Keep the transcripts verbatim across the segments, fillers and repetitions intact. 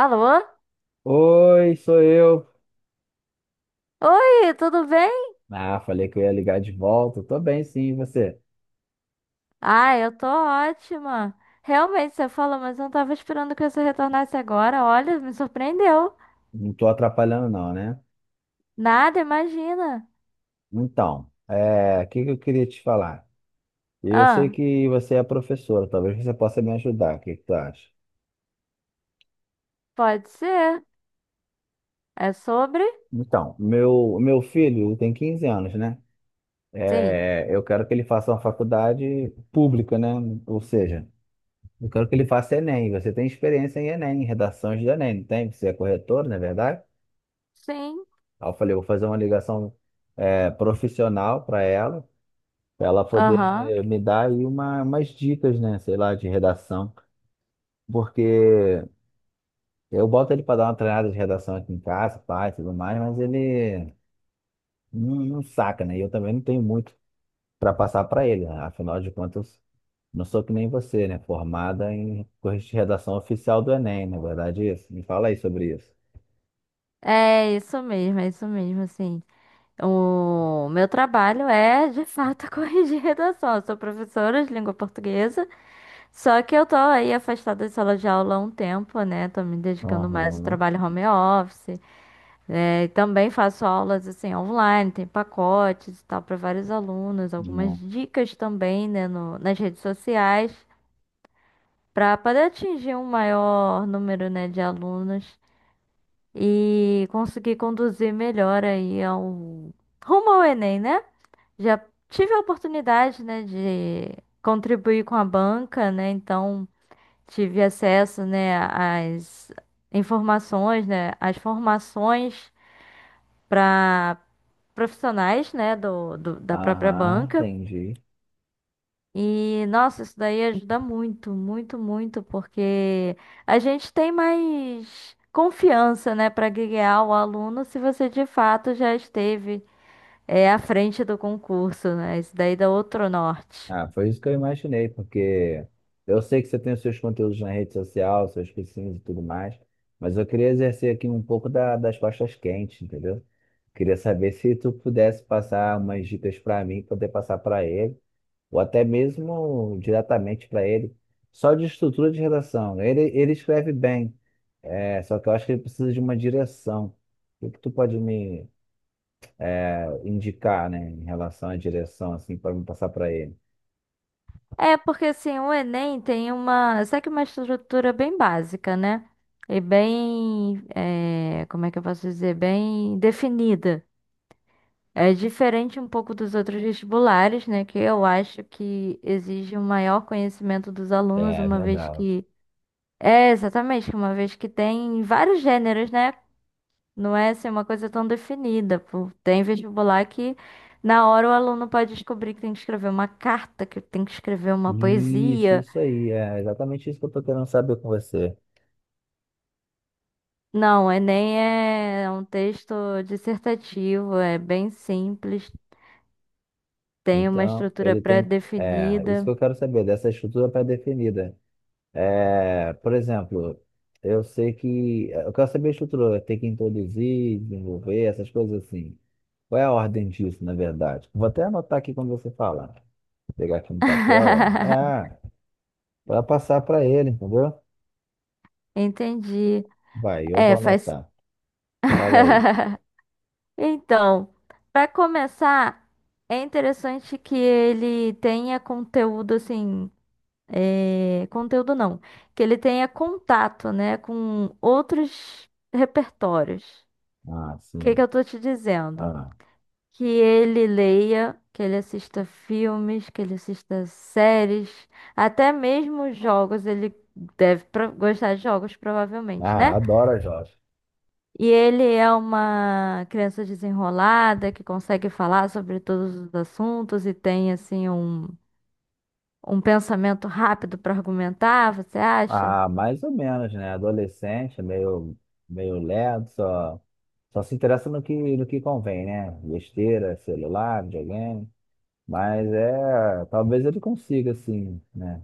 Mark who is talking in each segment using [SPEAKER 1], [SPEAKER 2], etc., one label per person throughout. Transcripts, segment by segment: [SPEAKER 1] Alô?
[SPEAKER 2] Oi, sou eu.
[SPEAKER 1] Oi, tudo bem?
[SPEAKER 2] Ah, falei que eu ia ligar de volta. Tô bem, sim, e você?
[SPEAKER 1] Ah, eu tô ótima. Realmente, você falou, mas eu não tava esperando que você retornasse agora. Olha, me surpreendeu.
[SPEAKER 2] Não tô atrapalhando, não, né?
[SPEAKER 1] Nada, imagina.
[SPEAKER 2] Então, é, o que que eu queria te falar? Eu sei
[SPEAKER 1] Ah,
[SPEAKER 2] que você é professora, talvez você possa me ajudar. O que que tu acha?
[SPEAKER 1] pode ser. É sobre?
[SPEAKER 2] Então, meu, meu filho tem quinze anos, né?
[SPEAKER 1] Sim.
[SPEAKER 2] É, eu quero que ele faça uma faculdade pública, né? Ou seja, eu quero que ele faça Enem. Você tem experiência em Enem, em redações de Enem, não tem? Você é corretor, não é verdade?
[SPEAKER 1] Sim.
[SPEAKER 2] Aí eu falei, vou fazer uma ligação é, profissional para ela, para ela
[SPEAKER 1] Aham.
[SPEAKER 2] poder me dar aí uma, umas dicas, né? Sei lá, de redação. Porque eu boto ele para dar uma treinada de redação aqui em casa, pai, tudo mais, mas ele não, não saca, né? E eu também não tenho muito para passar para ele. né? Afinal de contas, não sou que nem você, né? Formada em corrigir de redação oficial do Enem, na verdade, é isso. Me fala aí sobre isso.
[SPEAKER 1] É isso mesmo, é isso mesmo, sim. O meu trabalho é, de fato, corrigir redação. Eu sou professora de língua portuguesa, só que eu tô aí afastada da sala de aula há um tempo, né? Tô me dedicando mais ao
[SPEAKER 2] Aham,
[SPEAKER 1] trabalho home office. É, também faço aulas assim online, tem pacotes e tal para vários alunos, algumas
[SPEAKER 2] uhum,
[SPEAKER 1] dicas também, né, no- nas redes sociais para poder atingir um maior número, né, de alunos e conseguir conduzir melhor aí ao rumo ao Enem, né? Já tive a oportunidade, né, de contribuir com a banca, né? Então tive acesso, né, às informações, né, às formações para profissionais, né, do, do- da própria
[SPEAKER 2] aham,
[SPEAKER 1] banca.
[SPEAKER 2] entendi.
[SPEAKER 1] E, nossa, isso daí ajuda muito, muito, muito, porque a gente tem mais confiança, né, para guiar o aluno se você de fato já esteve, é, à frente do concurso, né? Isso daí dá outro norte.
[SPEAKER 2] Ah, foi isso que eu imaginei, porque eu sei que você tem os seus conteúdos na rede social, seus cursinhos e tudo mais, mas eu queria exercer aqui um pouco da- das costas quentes, entendeu? Queria saber se tu pudesse passar umas dicas para mim, poder passar para ele, ou até mesmo diretamente para ele, só de estrutura de redação. Ele, ele escreve bem, é, só que eu acho que ele precisa de uma direção. O que que tu pode me eh, indicar, né, em relação à direção, assim, para me passar para ele?
[SPEAKER 1] É, porque assim, o Enem tem uma, sabe que uma estrutura bem básica, né? E bem, é, como é que eu posso dizer? Bem definida. É diferente um pouco dos outros vestibulares, né? Que eu acho que exige um maior conhecimento dos
[SPEAKER 2] É
[SPEAKER 1] alunos,
[SPEAKER 2] é
[SPEAKER 1] uma vez
[SPEAKER 2] verdade.
[SPEAKER 1] que. É, exatamente, que uma vez que tem vários gêneros, né? Não é assim, uma coisa tão definida. Pô. Tem vestibular que na hora o aluno pode descobrir que tem que escrever uma carta, que tem que escrever uma
[SPEAKER 2] Isso,
[SPEAKER 1] poesia.
[SPEAKER 2] isso aí, é exatamente isso que eu tô querendo saber com você.
[SPEAKER 1] Não, o Enem é é um texto dissertativo, é bem simples, tem uma
[SPEAKER 2] Então,
[SPEAKER 1] estrutura
[SPEAKER 2] ele tem, é, isso que
[SPEAKER 1] pré-definida.
[SPEAKER 2] eu quero saber, dessa estrutura pré-definida. É, por exemplo, eu sei que, é, eu quero saber a estrutura, tem que introduzir, desenvolver, essas coisas assim. Qual é a ordem disso, na verdade? Vou até anotar aqui quando você falar. pegar aqui no papel, ó. É, para passar para ele, entendeu?
[SPEAKER 1] Entendi.
[SPEAKER 2] Vai, eu vou
[SPEAKER 1] É, faz.
[SPEAKER 2] anotar. Fala aí.
[SPEAKER 1] Então, para começar, é interessante que ele tenha conteúdo assim, é, conteúdo não, que ele tenha contato, né, com outros repertórios.
[SPEAKER 2] Ah,
[SPEAKER 1] O que que
[SPEAKER 2] sim.
[SPEAKER 1] eu tô te dizendo?
[SPEAKER 2] Ah,
[SPEAKER 1] Que ele leia, que ele assista filmes, que ele assista séries, até mesmo jogos. Ele deve pro- gostar de jogos, provavelmente,
[SPEAKER 2] ah,
[SPEAKER 1] né?
[SPEAKER 2] adoro a Jó.
[SPEAKER 1] E ele é uma criança desenrolada que consegue falar sobre todos os assuntos e tem assim um, um pensamento rápido para argumentar, você acha?
[SPEAKER 2] Ah, mais ou menos, né? Adolescente, meio, meio lerdo, só, só se interessa no que, no que convém, né? Besteira, celular, videogame. Mas é, talvez ele consiga, assim, né?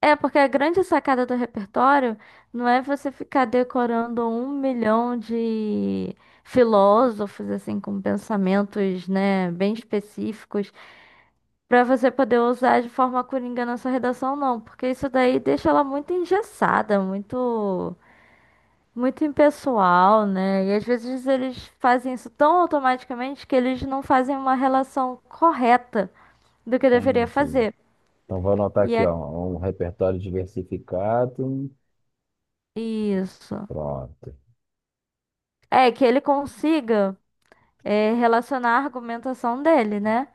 [SPEAKER 1] É, porque a grande sacada do repertório não é você ficar decorando um milhão de filósofos assim com pensamentos, né, bem específicos, para você poder usar de forma coringa na sua redação, não, porque isso daí deixa ela muito engessada, muito muito impessoal, né? E às vezes eles fazem isso tão automaticamente que eles não fazem uma relação correta do que deveria
[SPEAKER 2] Entendi.
[SPEAKER 1] fazer.
[SPEAKER 2] Então vou anotar
[SPEAKER 1] E
[SPEAKER 2] aqui, ó,
[SPEAKER 1] é
[SPEAKER 2] um repertório diversificado.
[SPEAKER 1] isso.
[SPEAKER 2] Pronto.
[SPEAKER 1] É que ele consiga é, relacionar a argumentação dele, né?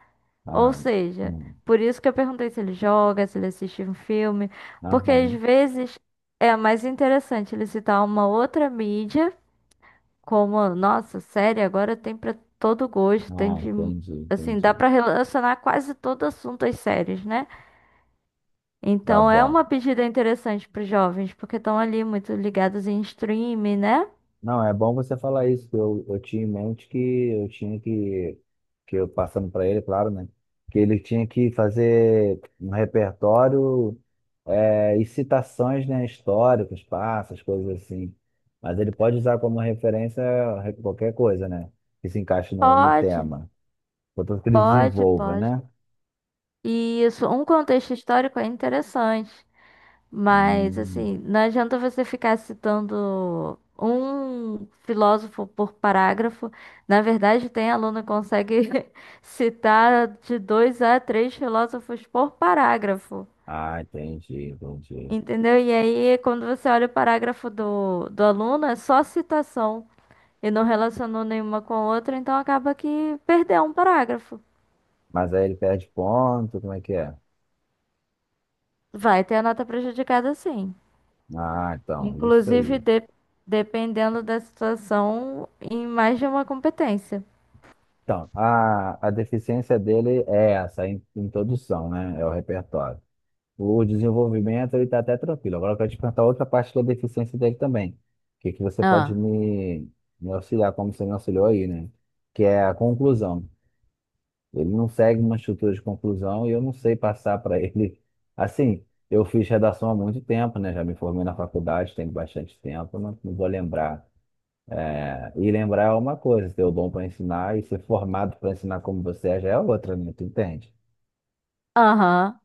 [SPEAKER 1] Ou
[SPEAKER 2] Ah,
[SPEAKER 1] seja,
[SPEAKER 2] hum,
[SPEAKER 1] por isso que eu perguntei se ele joga, se ele assiste um filme, porque às
[SPEAKER 2] aham.
[SPEAKER 1] vezes é mais interessante ele citar uma outra mídia. Como, nossa, série agora tem pra todo gosto, tem
[SPEAKER 2] Ah,
[SPEAKER 1] de,
[SPEAKER 2] entendi,
[SPEAKER 1] assim,
[SPEAKER 2] entendi.
[SPEAKER 1] dá pra relacionar quase todo assunto às séries, né?
[SPEAKER 2] Tá
[SPEAKER 1] Então é uma
[SPEAKER 2] bom.
[SPEAKER 1] pedida interessante pros jovens, porque estão ali muito ligados em streaming, né?
[SPEAKER 2] Não, é bom você falar isso. que Eu, eu tinha em mente que eu tinha que, que eu passando para ele, claro, né? Que ele tinha que fazer um repertório é, e citações, né, históricas, passas, coisas assim. Mas ele pode usar como referência qualquer coisa, né? Que se encaixe no, no
[SPEAKER 1] Pode,
[SPEAKER 2] tema. Portanto, que ele
[SPEAKER 1] pode,
[SPEAKER 2] desenvolva,
[SPEAKER 1] pode.
[SPEAKER 2] né?
[SPEAKER 1] E isso, um contexto histórico é interessante. Mas,
[SPEAKER 2] Hum,
[SPEAKER 1] assim, não adianta você ficar citando um filósofo por parágrafo. Na verdade, tem aluno que consegue citar de dois a três filósofos por parágrafo.
[SPEAKER 2] ah, entendi, entendi.
[SPEAKER 1] Entendeu? E aí, quando você olha o parágrafo do, do aluno, é só citação. E não relacionou nenhuma com a outra, então acaba que perdeu um parágrafo.
[SPEAKER 2] Mas aí ele perde ponto, como é que é?
[SPEAKER 1] Vai ter a nota prejudicada, sim.
[SPEAKER 2] Ah, então, isso
[SPEAKER 1] Inclusive,
[SPEAKER 2] aí.
[SPEAKER 1] de- dependendo da situação, em mais de uma competência.
[SPEAKER 2] Então, a, a deficiência dele é essa, a in- introdução, né? É o repertório. O desenvolvimento, ele está até tranquilo. Agora eu quero te perguntar outra parte da deficiência dele também. O que, que você pode
[SPEAKER 1] Ah,
[SPEAKER 2] me, me, auxiliar, como você me auxiliou aí, né? Que é a conclusão. Ele não segue uma estrutura de conclusão e eu não sei passar para ele. Assim, eu fiz redação há muito tempo, né? Já me formei na faculdade, tem bastante tempo, não, não vou lembrar é, e lembrar é uma coisa, ter o dom para ensinar e ser formado para ensinar como você é já é outra, né? Tu entende?
[SPEAKER 1] aham.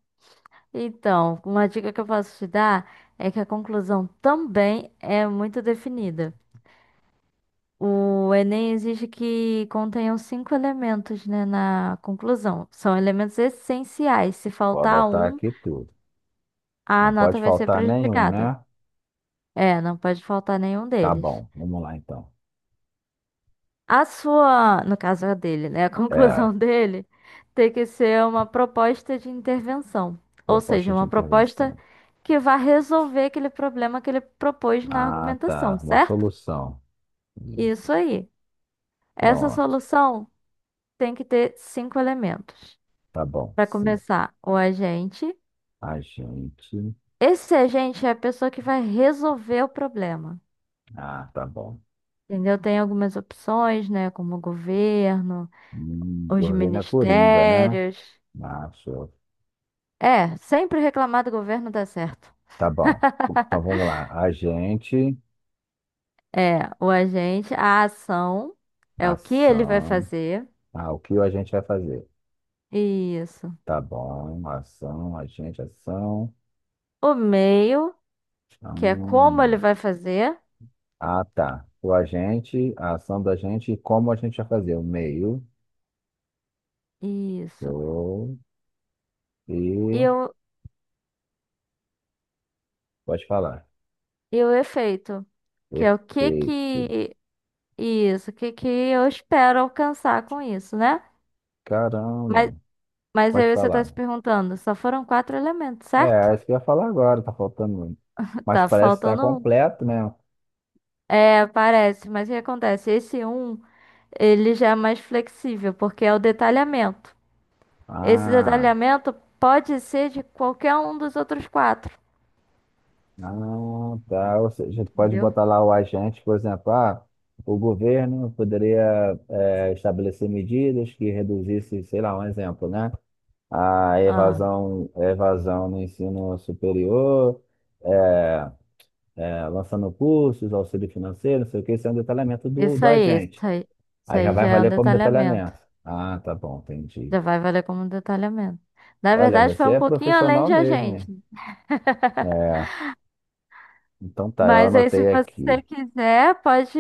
[SPEAKER 1] Então, uma dica que eu posso te dar é que a conclusão também é muito definida. O Enem exige que contenham cinco elementos, né, na conclusão. São elementos essenciais. Se
[SPEAKER 2] Vou
[SPEAKER 1] faltar
[SPEAKER 2] anotar
[SPEAKER 1] um,
[SPEAKER 2] aqui tudo.
[SPEAKER 1] a
[SPEAKER 2] Não
[SPEAKER 1] nota
[SPEAKER 2] pode
[SPEAKER 1] vai ser
[SPEAKER 2] faltar nenhum,
[SPEAKER 1] prejudicada.
[SPEAKER 2] né?
[SPEAKER 1] É, não pode faltar nenhum
[SPEAKER 2] Tá
[SPEAKER 1] deles.
[SPEAKER 2] bom, vamos lá então.
[SPEAKER 1] A sua, no caso a dele, né? A
[SPEAKER 2] É,
[SPEAKER 1] conclusão dele tem que ser uma proposta de intervenção, ou seja,
[SPEAKER 2] Proposta de
[SPEAKER 1] uma proposta
[SPEAKER 2] intervenção.
[SPEAKER 1] que vá resolver aquele problema que ele propôs na
[SPEAKER 2] Ah, tá.
[SPEAKER 1] argumentação,
[SPEAKER 2] Uma
[SPEAKER 1] certo?
[SPEAKER 2] solução.
[SPEAKER 1] Isso
[SPEAKER 2] Isso.
[SPEAKER 1] aí. Essa
[SPEAKER 2] Pronto.
[SPEAKER 1] solução tem que ter cinco elementos.
[SPEAKER 2] Tá bom.
[SPEAKER 1] Para
[SPEAKER 2] Sim.
[SPEAKER 1] começar, o agente.
[SPEAKER 2] A gente.
[SPEAKER 1] Esse agente é a pessoa que vai resolver o problema.
[SPEAKER 2] Ah, tá bom.
[SPEAKER 1] Entendeu? Tem algumas opções, né? Como o governo,
[SPEAKER 2] Hum,
[SPEAKER 1] os
[SPEAKER 2] governo é Coringa, né?
[SPEAKER 1] ministérios.
[SPEAKER 2] Macho.
[SPEAKER 1] É, sempre reclamar do governo dá certo.
[SPEAKER 2] Tá bom. Então vamos lá. Agente,
[SPEAKER 1] É, o agente, a ação é o que ele vai
[SPEAKER 2] ação.
[SPEAKER 1] fazer.
[SPEAKER 2] Ah, o que a gente vai fazer?
[SPEAKER 1] Isso.
[SPEAKER 2] Tá bom. Ação, agente, ação.
[SPEAKER 1] O meio, que é como ele
[SPEAKER 2] Hum.
[SPEAKER 1] vai fazer.
[SPEAKER 2] Ah, tá. O agente, a ação do agente e como a gente vai fazer? O meio.
[SPEAKER 1] Isso.
[SPEAKER 2] o-
[SPEAKER 1] E
[SPEAKER 2] E
[SPEAKER 1] o,
[SPEAKER 2] pode falar.
[SPEAKER 1] e o efeito, que é o que
[SPEAKER 2] Efeito.
[SPEAKER 1] que. Isso, o que que eu espero alcançar com isso, né? Mas,
[SPEAKER 2] Caramba.
[SPEAKER 1] mas
[SPEAKER 2] Pode
[SPEAKER 1] aí você está
[SPEAKER 2] falar.
[SPEAKER 1] se perguntando, só foram quatro elementos,
[SPEAKER 2] É,
[SPEAKER 1] certo?
[SPEAKER 2] é isso que eu ia falar agora, tá faltando. muito. Mas
[SPEAKER 1] Tá
[SPEAKER 2] parece estar
[SPEAKER 1] faltando um.
[SPEAKER 2] completo, né?
[SPEAKER 1] É, parece, mas o que acontece? Esse um. Ele já é mais flexível, porque é o detalhamento. Esse
[SPEAKER 2] Ah.
[SPEAKER 1] detalhamento pode ser de qualquer um dos outros quatro,
[SPEAKER 2] Ah, tá. Ou seja, tu pode
[SPEAKER 1] entendeu?
[SPEAKER 2] botar lá o agente, por exemplo, ah, o governo poderia eh, estabelecer medidas que reduzissem, sei lá, um exemplo, né? A
[SPEAKER 1] Ah,
[SPEAKER 2] evasão, a evasão no ensino superior, eh, eh, lançando cursos, auxílio financeiro, não sei o que, isso é um detalhamento do,
[SPEAKER 1] isso
[SPEAKER 2] do
[SPEAKER 1] aí, isso
[SPEAKER 2] agente.
[SPEAKER 1] aí, isso
[SPEAKER 2] Aí já
[SPEAKER 1] aí já
[SPEAKER 2] vai
[SPEAKER 1] é um
[SPEAKER 2] valer como
[SPEAKER 1] detalhamento.
[SPEAKER 2] detalhamento. Ah, tá bom, entendi.
[SPEAKER 1] Já vai valer como um detalhamento. Na
[SPEAKER 2] Olha,
[SPEAKER 1] verdade, foi
[SPEAKER 2] você
[SPEAKER 1] um
[SPEAKER 2] é
[SPEAKER 1] pouquinho além
[SPEAKER 2] profissional
[SPEAKER 1] de a
[SPEAKER 2] mesmo,
[SPEAKER 1] gente.
[SPEAKER 2] hein? É, então tá, eu
[SPEAKER 1] Mas aí, se
[SPEAKER 2] anotei aqui.
[SPEAKER 1] você quiser, pode,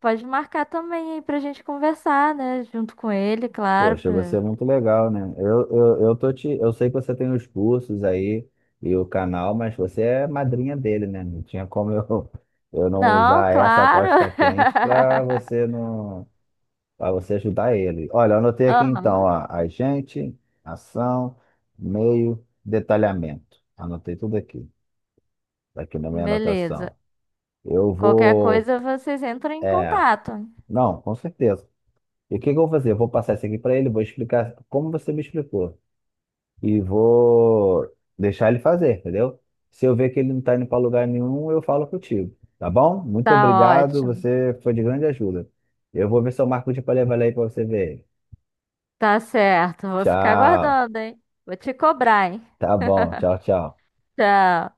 [SPEAKER 1] pode marcar também aí pra gente conversar, né? Junto com ele, claro.
[SPEAKER 2] Poxa, você
[SPEAKER 1] pra-
[SPEAKER 2] é muito legal, né? Eu, eu, eu tô te, eu sei que você tem os cursos aí e o canal, mas você é madrinha dele, né? Não tinha como eu, eu não
[SPEAKER 1] Não,
[SPEAKER 2] usar essa
[SPEAKER 1] claro.
[SPEAKER 2] costa quente para você não, para você ajudar ele. Olha, eu anotei aqui então,
[SPEAKER 1] Aham,
[SPEAKER 2] ó, agente, ação, meio, detalhamento. Anotei tudo aqui, tá aqui na minha
[SPEAKER 1] beleza.
[SPEAKER 2] anotação. Eu
[SPEAKER 1] Qualquer
[SPEAKER 2] vou,
[SPEAKER 1] coisa vocês entram em
[SPEAKER 2] é,
[SPEAKER 1] contato.
[SPEAKER 2] não, com certeza. E o que que eu vou fazer? Eu vou passar isso aqui para ele, vou explicar como você me explicou. e vou deixar ele fazer, entendeu? Se eu ver que ele não tá indo para lugar nenhum, eu falo contigo, tá bom? Muito
[SPEAKER 1] Tá
[SPEAKER 2] obrigado,
[SPEAKER 1] ótimo.
[SPEAKER 2] você foi de grande ajuda. Eu vou ver se eu marco de para levar ele aí para você ver.
[SPEAKER 1] Tá certo. Vou ficar
[SPEAKER 2] Tchau.
[SPEAKER 1] aguardando, hein? Vou te cobrar, hein?
[SPEAKER 2] Tá bom, tchau, tchau.
[SPEAKER 1] Tchau.